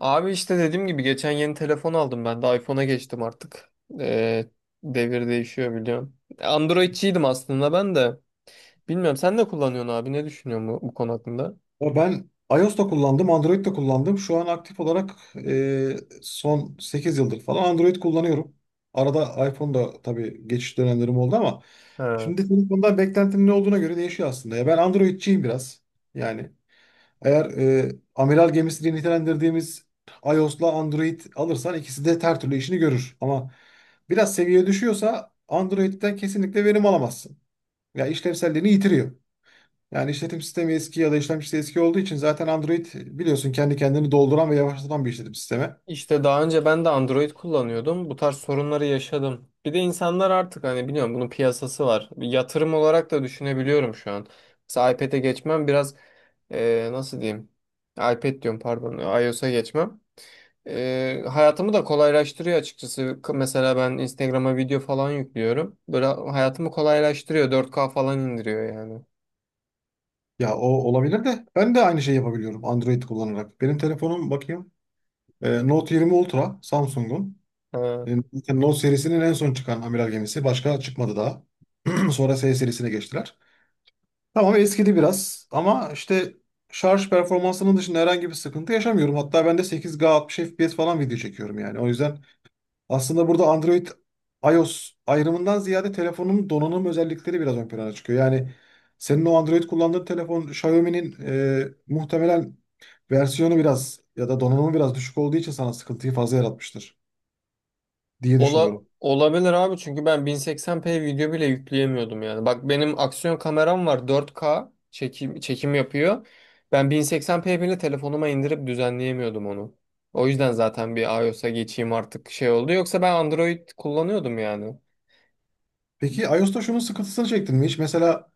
Abi işte dediğim gibi geçen yeni telefon aldım ben de iPhone'a geçtim artık. Ee, Devir değişiyor biliyorum. Androidçiydim aslında ben de. Bilmiyorum sen ne kullanıyorsun abi ne düşünüyorsun bu konu hakkında? Ya ben iOS da kullandım, Android de kullandım. Şu an aktif olarak e, son 8 yıldır falan Android kullanıyorum. Arada iPhone da tabii geçiş dönemlerim oldu ama Ha. şimdi telefondan beklentim ne olduğuna göre değişiyor aslında. Ya ben Android'ciyim biraz. Yani eğer amiral gemisi diye nitelendirdiğimiz iOS'la Android alırsan ikisi de her türlü işini görür. Ama biraz seviye düşüyorsa Android'den kesinlikle verim alamazsın. Ya işlevselliğini yitiriyor. Yani işletim sistemi eski ya da işlemcisi eski olduğu için zaten Android biliyorsun kendi kendini dolduran ve yavaşlatan bir işletim sistemi. İşte daha önce ben de Android kullanıyordum. Bu tarz sorunları yaşadım. Bir de insanlar artık hani biliyorum bunun piyasası var. Bir yatırım olarak da düşünebiliyorum şu an. Mesela iPad'e geçmem biraz nasıl diyeyim? iPad diyorum pardon iOS'a geçmem. Hayatımı da kolaylaştırıyor açıkçası. Mesela ben Instagram'a video falan yüklüyorum. Böyle hayatımı kolaylaştırıyor. 4K falan indiriyor yani. Ya o olabilir de ben de aynı şeyi yapabiliyorum Android kullanarak. Benim telefonum bakayım Note 20 Ultra Samsung'un. Ha. E, Note serisinin en son çıkan amiral gemisi. Başka çıkmadı daha. Sonra S serisine geçtiler. Tamam eskidi biraz ama işte şarj performansının dışında herhangi bir sıkıntı yaşamıyorum. Hatta ben de 8K 60 FPS falan video çekiyorum yani. O yüzden aslında burada Android iOS ayrımından ziyade telefonun donanım özellikleri biraz ön plana çıkıyor. Yani senin o Android kullandığın telefon Xiaomi'nin muhtemelen versiyonu biraz ya da donanımı biraz düşük olduğu için sana sıkıntıyı fazla yaratmıştır diye Ola, düşünüyorum. olabilir abi çünkü ben 1080p video bile yükleyemiyordum yani. Bak benim aksiyon kameram var 4K çekim yapıyor. Ben 1080p bile telefonuma indirip düzenleyemiyordum onu. O yüzden zaten bir iOS'a geçeyim artık şey oldu. Yoksa ben Android kullanıyordum yani. Peki iOS'ta şunun sıkıntısını çektin mi hiç? Mesela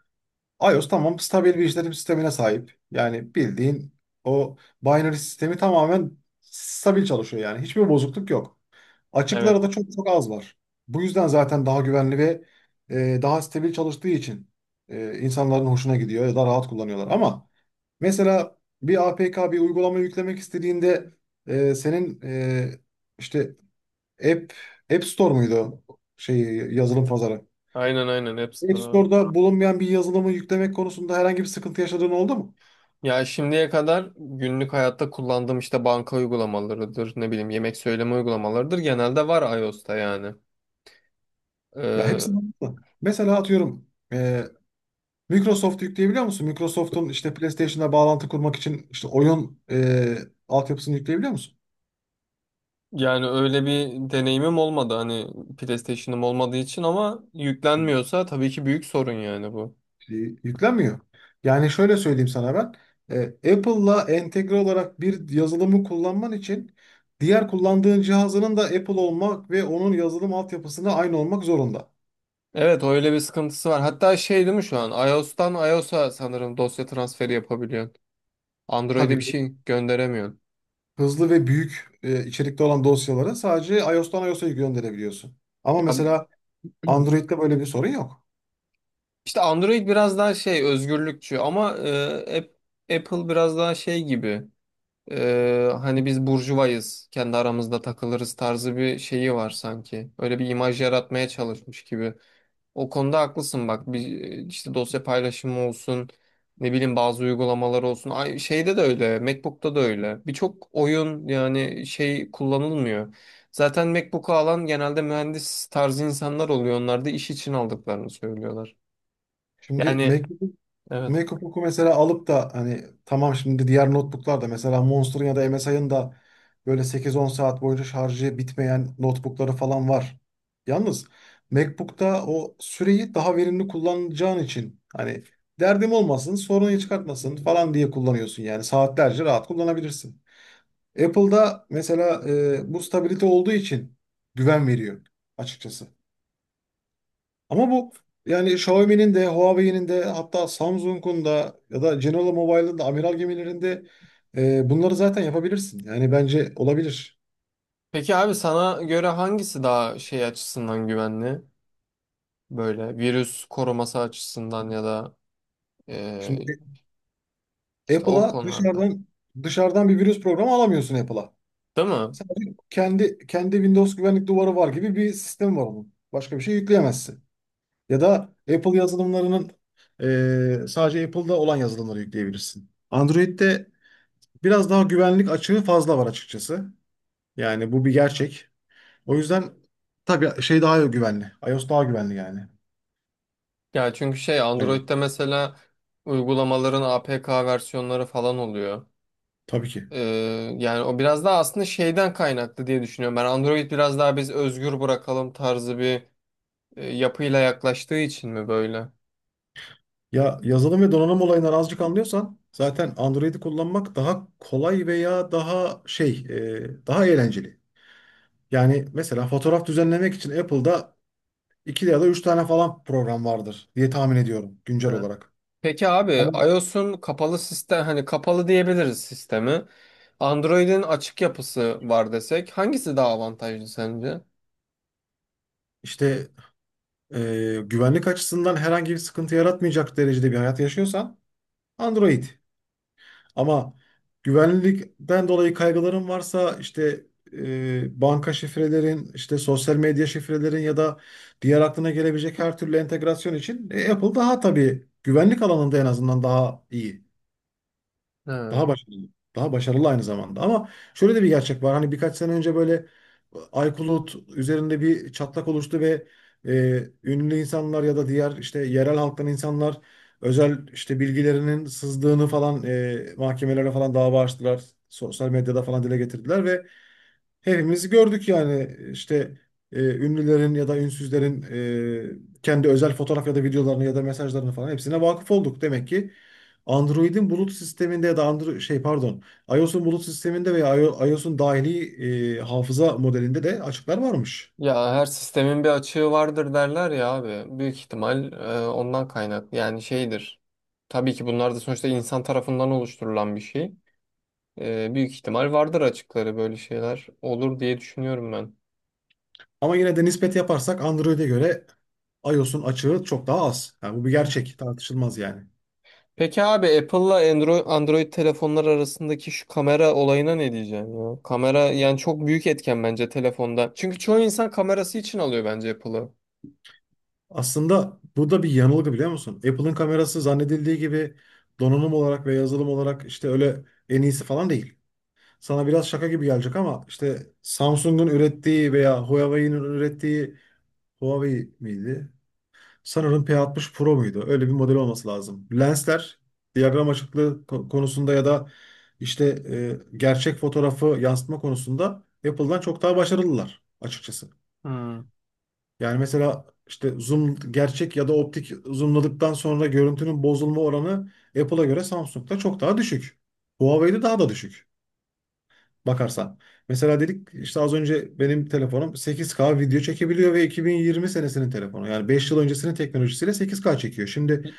iOS tamam stabil bir işletim sistemine sahip. Yani bildiğin o binary sistemi tamamen stabil çalışıyor yani. Hiçbir bozukluk yok. Açıkları Evet. da çok çok az var. Bu yüzden zaten daha güvenli ve daha stabil çalıştığı için insanların hoşuna gidiyor ya da rahat kullanıyorlar. Ama mesela bir APK bir uygulama yüklemek istediğinde senin işte App App Store muydu şey yazılım pazarı? Aynen App App Store abi. Store'da bulunmayan bir yazılımı yüklemek konusunda herhangi bir sıkıntı yaşadığın oldu mu? Ya şimdiye kadar günlük hayatta kullandığım işte banka uygulamalarıdır, ne bileyim yemek söyleme uygulamalarıdır. Genelde var iOS'ta yani. Ya hepsi Ee, oldu. Mesela atıyorum e, Microsoft yükleyebiliyor musun? Microsoft'un işte PlayStation'a bağlantı kurmak için işte oyun altyapısını yükleyebiliyor musun? Yani öyle bir deneyimim olmadı hani PlayStation'ım olmadığı için ama yüklenmiyorsa tabii ki büyük sorun yani bu. Yüklenmiyor. Yani şöyle söyleyeyim sana ben. Apple'la entegre olarak bir yazılımı kullanman için diğer kullandığın cihazının da Apple olmak ve onun yazılım altyapısına aynı olmak zorunda. Evet öyle bir sıkıntısı var. Hatta şey değil mi şu an? iOS'tan iOS'a sanırım dosya transferi yapabiliyorsun. Android'e bir Tabii şey gönderemiyorsun. hızlı ve büyük içerikte olan dosyaları sadece iOS'tan iOS'a gönderebiliyorsun. Ama Ya, mesela Android'de böyle bir sorun yok. işte Android biraz daha şey özgürlükçü ama Apple biraz daha şey gibi. E, hani biz burjuvayız, kendi aramızda takılırız tarzı bir şeyi var sanki. Öyle bir imaj yaratmaya çalışmış gibi. O konuda haklısın bak bir işte dosya paylaşımı olsun ne bileyim bazı uygulamalar olsun Ay, şeyde de öyle MacBook'ta da öyle birçok oyun yani şey kullanılmıyor. Zaten MacBook'u alan genelde mühendis tarzı insanlar oluyor onlar da iş için aldıklarını söylüyorlar. Şimdi Yani evet. MacBook'u mesela alıp da hani tamam şimdi diğer notebooklar da mesela Monster'ın ya da MSI'ın da böyle sekiz on saat boyunca şarjı bitmeyen notebookları falan var. Yalnız MacBook'ta o süreyi daha verimli kullanacağın için hani derdim olmasın, sorunu çıkartmasın falan diye kullanıyorsun yani saatlerce rahat kullanabilirsin. Apple'da mesela bu stabilite olduğu için güven veriyor açıkçası. Ama bu yani Xiaomi'nin de Huawei'nin de hatta Samsung'un da ya da General Mobile'ın da amiral gemilerinde bunları zaten yapabilirsin. Yani bence olabilir. Peki abi sana göre hangisi daha şey açısından güvenli böyle virüs koruması açısından ya da e, Şimdi işte o Apple'a konularda dışarıdan bir virüs programı alamıyorsun Apple'a. değil mi? Sadece kendi Windows güvenlik duvarı var gibi bir sistem var onun. Başka bir şey yükleyemezsin. Ya da Apple yazılımlarının sadece Apple'da olan yazılımları yükleyebilirsin. Android'de biraz daha güvenlik açığı fazla var açıkçası. Yani bu bir gerçek. O yüzden tabii şey daha güvenli. iOS daha güvenli yani. Ya çünkü şey Evet. Android'de mesela uygulamaların APK versiyonları falan oluyor. Tabii ki. Ee, Yani o biraz daha aslında şeyden kaynaklı diye düşünüyorum. Ben Android biraz daha biz özgür bırakalım tarzı bir yapıyla yaklaştığı için mi böyle? Ya yazılım ve donanım olayından azıcık anlıyorsan zaten Android'i kullanmak daha kolay veya daha şey daha eğlenceli. Yani mesela fotoğraf düzenlemek için Apple'da iki ya da üç tane falan program vardır diye tahmin ediyorum güncel Evet. olarak. Peki abi Ama iOS'un kapalı sistem hani kapalı diyebiliriz sistemi. Android'in açık yapısı var desek hangisi daha avantajlı sence? işte güvenlik açısından herhangi bir sıkıntı yaratmayacak derecede bir hayat yaşıyorsan Android. Ama güvenlikten dolayı kaygıların varsa işte banka şifrelerin, işte sosyal medya şifrelerin ya da diğer aklına gelebilecek her türlü entegrasyon için Apple daha tabii güvenlik alanında en azından daha iyi. Ha. Daha başarılı. Daha başarılı aynı zamanda. Ama şöyle de bir gerçek var. Hani birkaç sene önce böyle iCloud üzerinde bir çatlak oluştu ve ünlü insanlar ya da diğer işte yerel halktan insanlar özel işte bilgilerinin sızdığını falan mahkemelere falan dava açtılar. Sosyal medyada falan dile getirdiler ve hepimiz gördük yani işte ünlülerin ya da ünsüzlerin kendi özel fotoğraf ya da videolarını ya da mesajlarını falan hepsine vakıf olduk. Demek ki Android'in bulut sisteminde ya da Android şey pardon iOS'un bulut sisteminde veya iOS'un dahili hafıza modelinde de açıklar varmış. Ya her sistemin bir açığı vardır derler ya abi. Büyük ihtimal ondan kaynak. Yani şeydir. Tabii ki bunlar da sonuçta insan tarafından oluşturulan bir şey. Büyük ihtimal vardır açıkları böyle şeyler olur diye düşünüyorum ben. Ama yine de nispet yaparsak Android'e göre iOS'un açığı çok daha az. Yani bu bir gerçek, tartışılmaz yani. Peki abi Apple'la Android telefonlar arasındaki şu kamera olayına ne diyeceksin ya? Kamera yani çok büyük etken bence telefonda. Çünkü çoğu insan kamerası için alıyor bence Apple'ı. Aslında bu da bir yanılgı biliyor musun? Apple'ın kamerası zannedildiği gibi donanım olarak ve yazılım olarak işte öyle en iyisi falan değil. Sana biraz şaka gibi gelecek ama işte Samsung'un ürettiği veya Huawei'nin ürettiği Huawei miydi? Sanırım P60 Pro muydu? Öyle bir model olması lazım. Lensler diyagram açıklığı konusunda ya da işte gerçek fotoğrafı yansıtma konusunda Apple'dan çok daha başarılılar açıkçası. Hmm. Yani mesela işte zoom gerçek ya da optik zoomladıktan sonra görüntünün bozulma oranı Apple'a göre Samsung'da çok daha düşük. Huawei'de daha da düşük bakarsan. Mesela dedik işte az önce benim telefonum 8K video çekebiliyor ve 2020 senesinin telefonu. Yani 5 yıl öncesinin teknolojisiyle 8K çekiyor. Şimdi,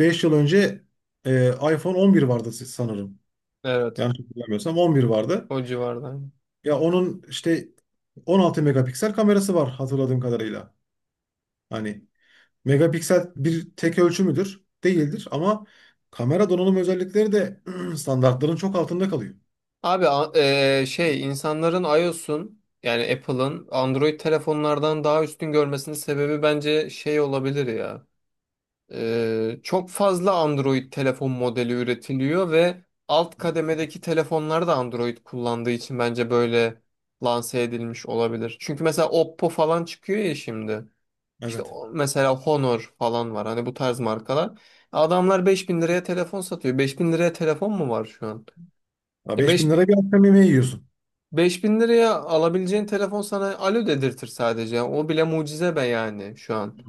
5 yıl önce iPhone 11 vardı sanırım. Evet. Yanlış hatırlamıyorsam 11 vardı. O civarda. Ya onun işte 16 megapiksel kamerası var hatırladığım kadarıyla. Hani megapiksel bir tek ölçü müdür? Değildir ama kamera donanım özellikleri de standartların çok altında kalıyor. Abi şey insanların iOS'un yani Apple'ın Android telefonlardan daha üstün görmesinin sebebi bence şey olabilir ya. Çok fazla Android telefon modeli üretiliyor ve alt kademedeki telefonlar da Android kullandığı için bence böyle lanse edilmiş olabilir. Çünkü mesela Oppo falan çıkıyor ya şimdi. İşte Evet. Mesela Honor falan var hani bu tarz markalar. Adamlar 5000 liraya telefon satıyor. 5000 liraya telefon mu var şu an? Ya 5.000 lira bir akşam yemeği yiyorsun. 5.000 liraya alabileceğin telefon sana alo dedirtir sadece. O bile mucize be yani şu an.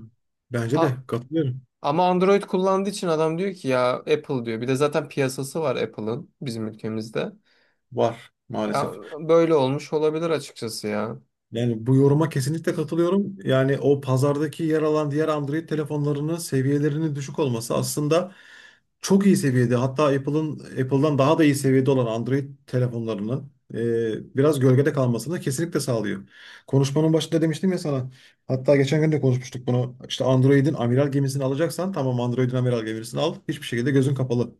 Bence A- de katılıyorum. Ama Android kullandığı için adam diyor ki ya Apple diyor. Bir de zaten piyasası var Apple'ın bizim ülkemizde. Var Ya maalesef. böyle olmuş olabilir açıkçası ya. Yani bu yoruma kesinlikle katılıyorum. Yani o pazardaki yer alan diğer Android telefonlarının seviyelerinin düşük olması aslında çok iyi seviyede hatta Apple'ın Apple'dan daha da iyi seviyede olan Android telefonlarının biraz gölgede kalmasını kesinlikle sağlıyor. Konuşmanın başında demiştim ya sana. Hatta geçen gün de konuşmuştuk bunu. İşte Android'in amiral gemisini alacaksan tamam Android'in amiral gemisini al. Hiçbir şekilde gözün kapalı.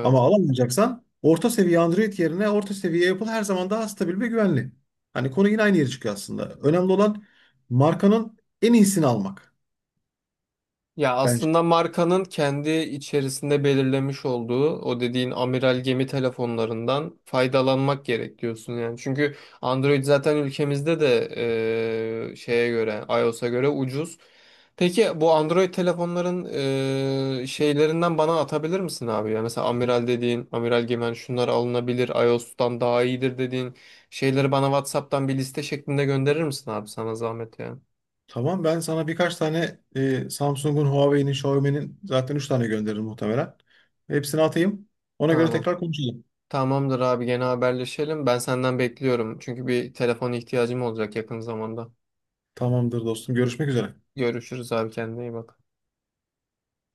Ama alamayacaksan orta seviye Android yerine orta seviye Apple her zaman daha stabil ve güvenli. Hani konu yine aynı yere çıkıyor aslında. Önemli olan markanın en iyisini almak Ya bence. aslında markanın kendi içerisinde belirlemiş olduğu o dediğin amiral gemi telefonlarından faydalanmak gerek diyorsun yani. Çünkü Android zaten ülkemizde de şeye göre iOS'a göre ucuz. Peki bu Android telefonların şeylerinden bana atabilir misin abi ya? Mesela amiral gemi hani şunlar alınabilir, iOS'tan daha iyidir dediğin şeyleri bana WhatsApp'tan bir liste şeklinde gönderir misin abi sana zahmet ya? Tamam ben sana birkaç tane Samsung'un, Huawei'nin, Xiaomi'nin zaten 3 tane gönderirim muhtemelen. Hepsini atayım. Ona göre Tamam. tekrar konuşalım. Tamamdır abi gene haberleşelim. Ben senden bekliyorum. Çünkü bir telefon ihtiyacım olacak yakın zamanda. Tamamdır dostum. Görüşmek üzere. Görüşürüz abi kendine iyi bak.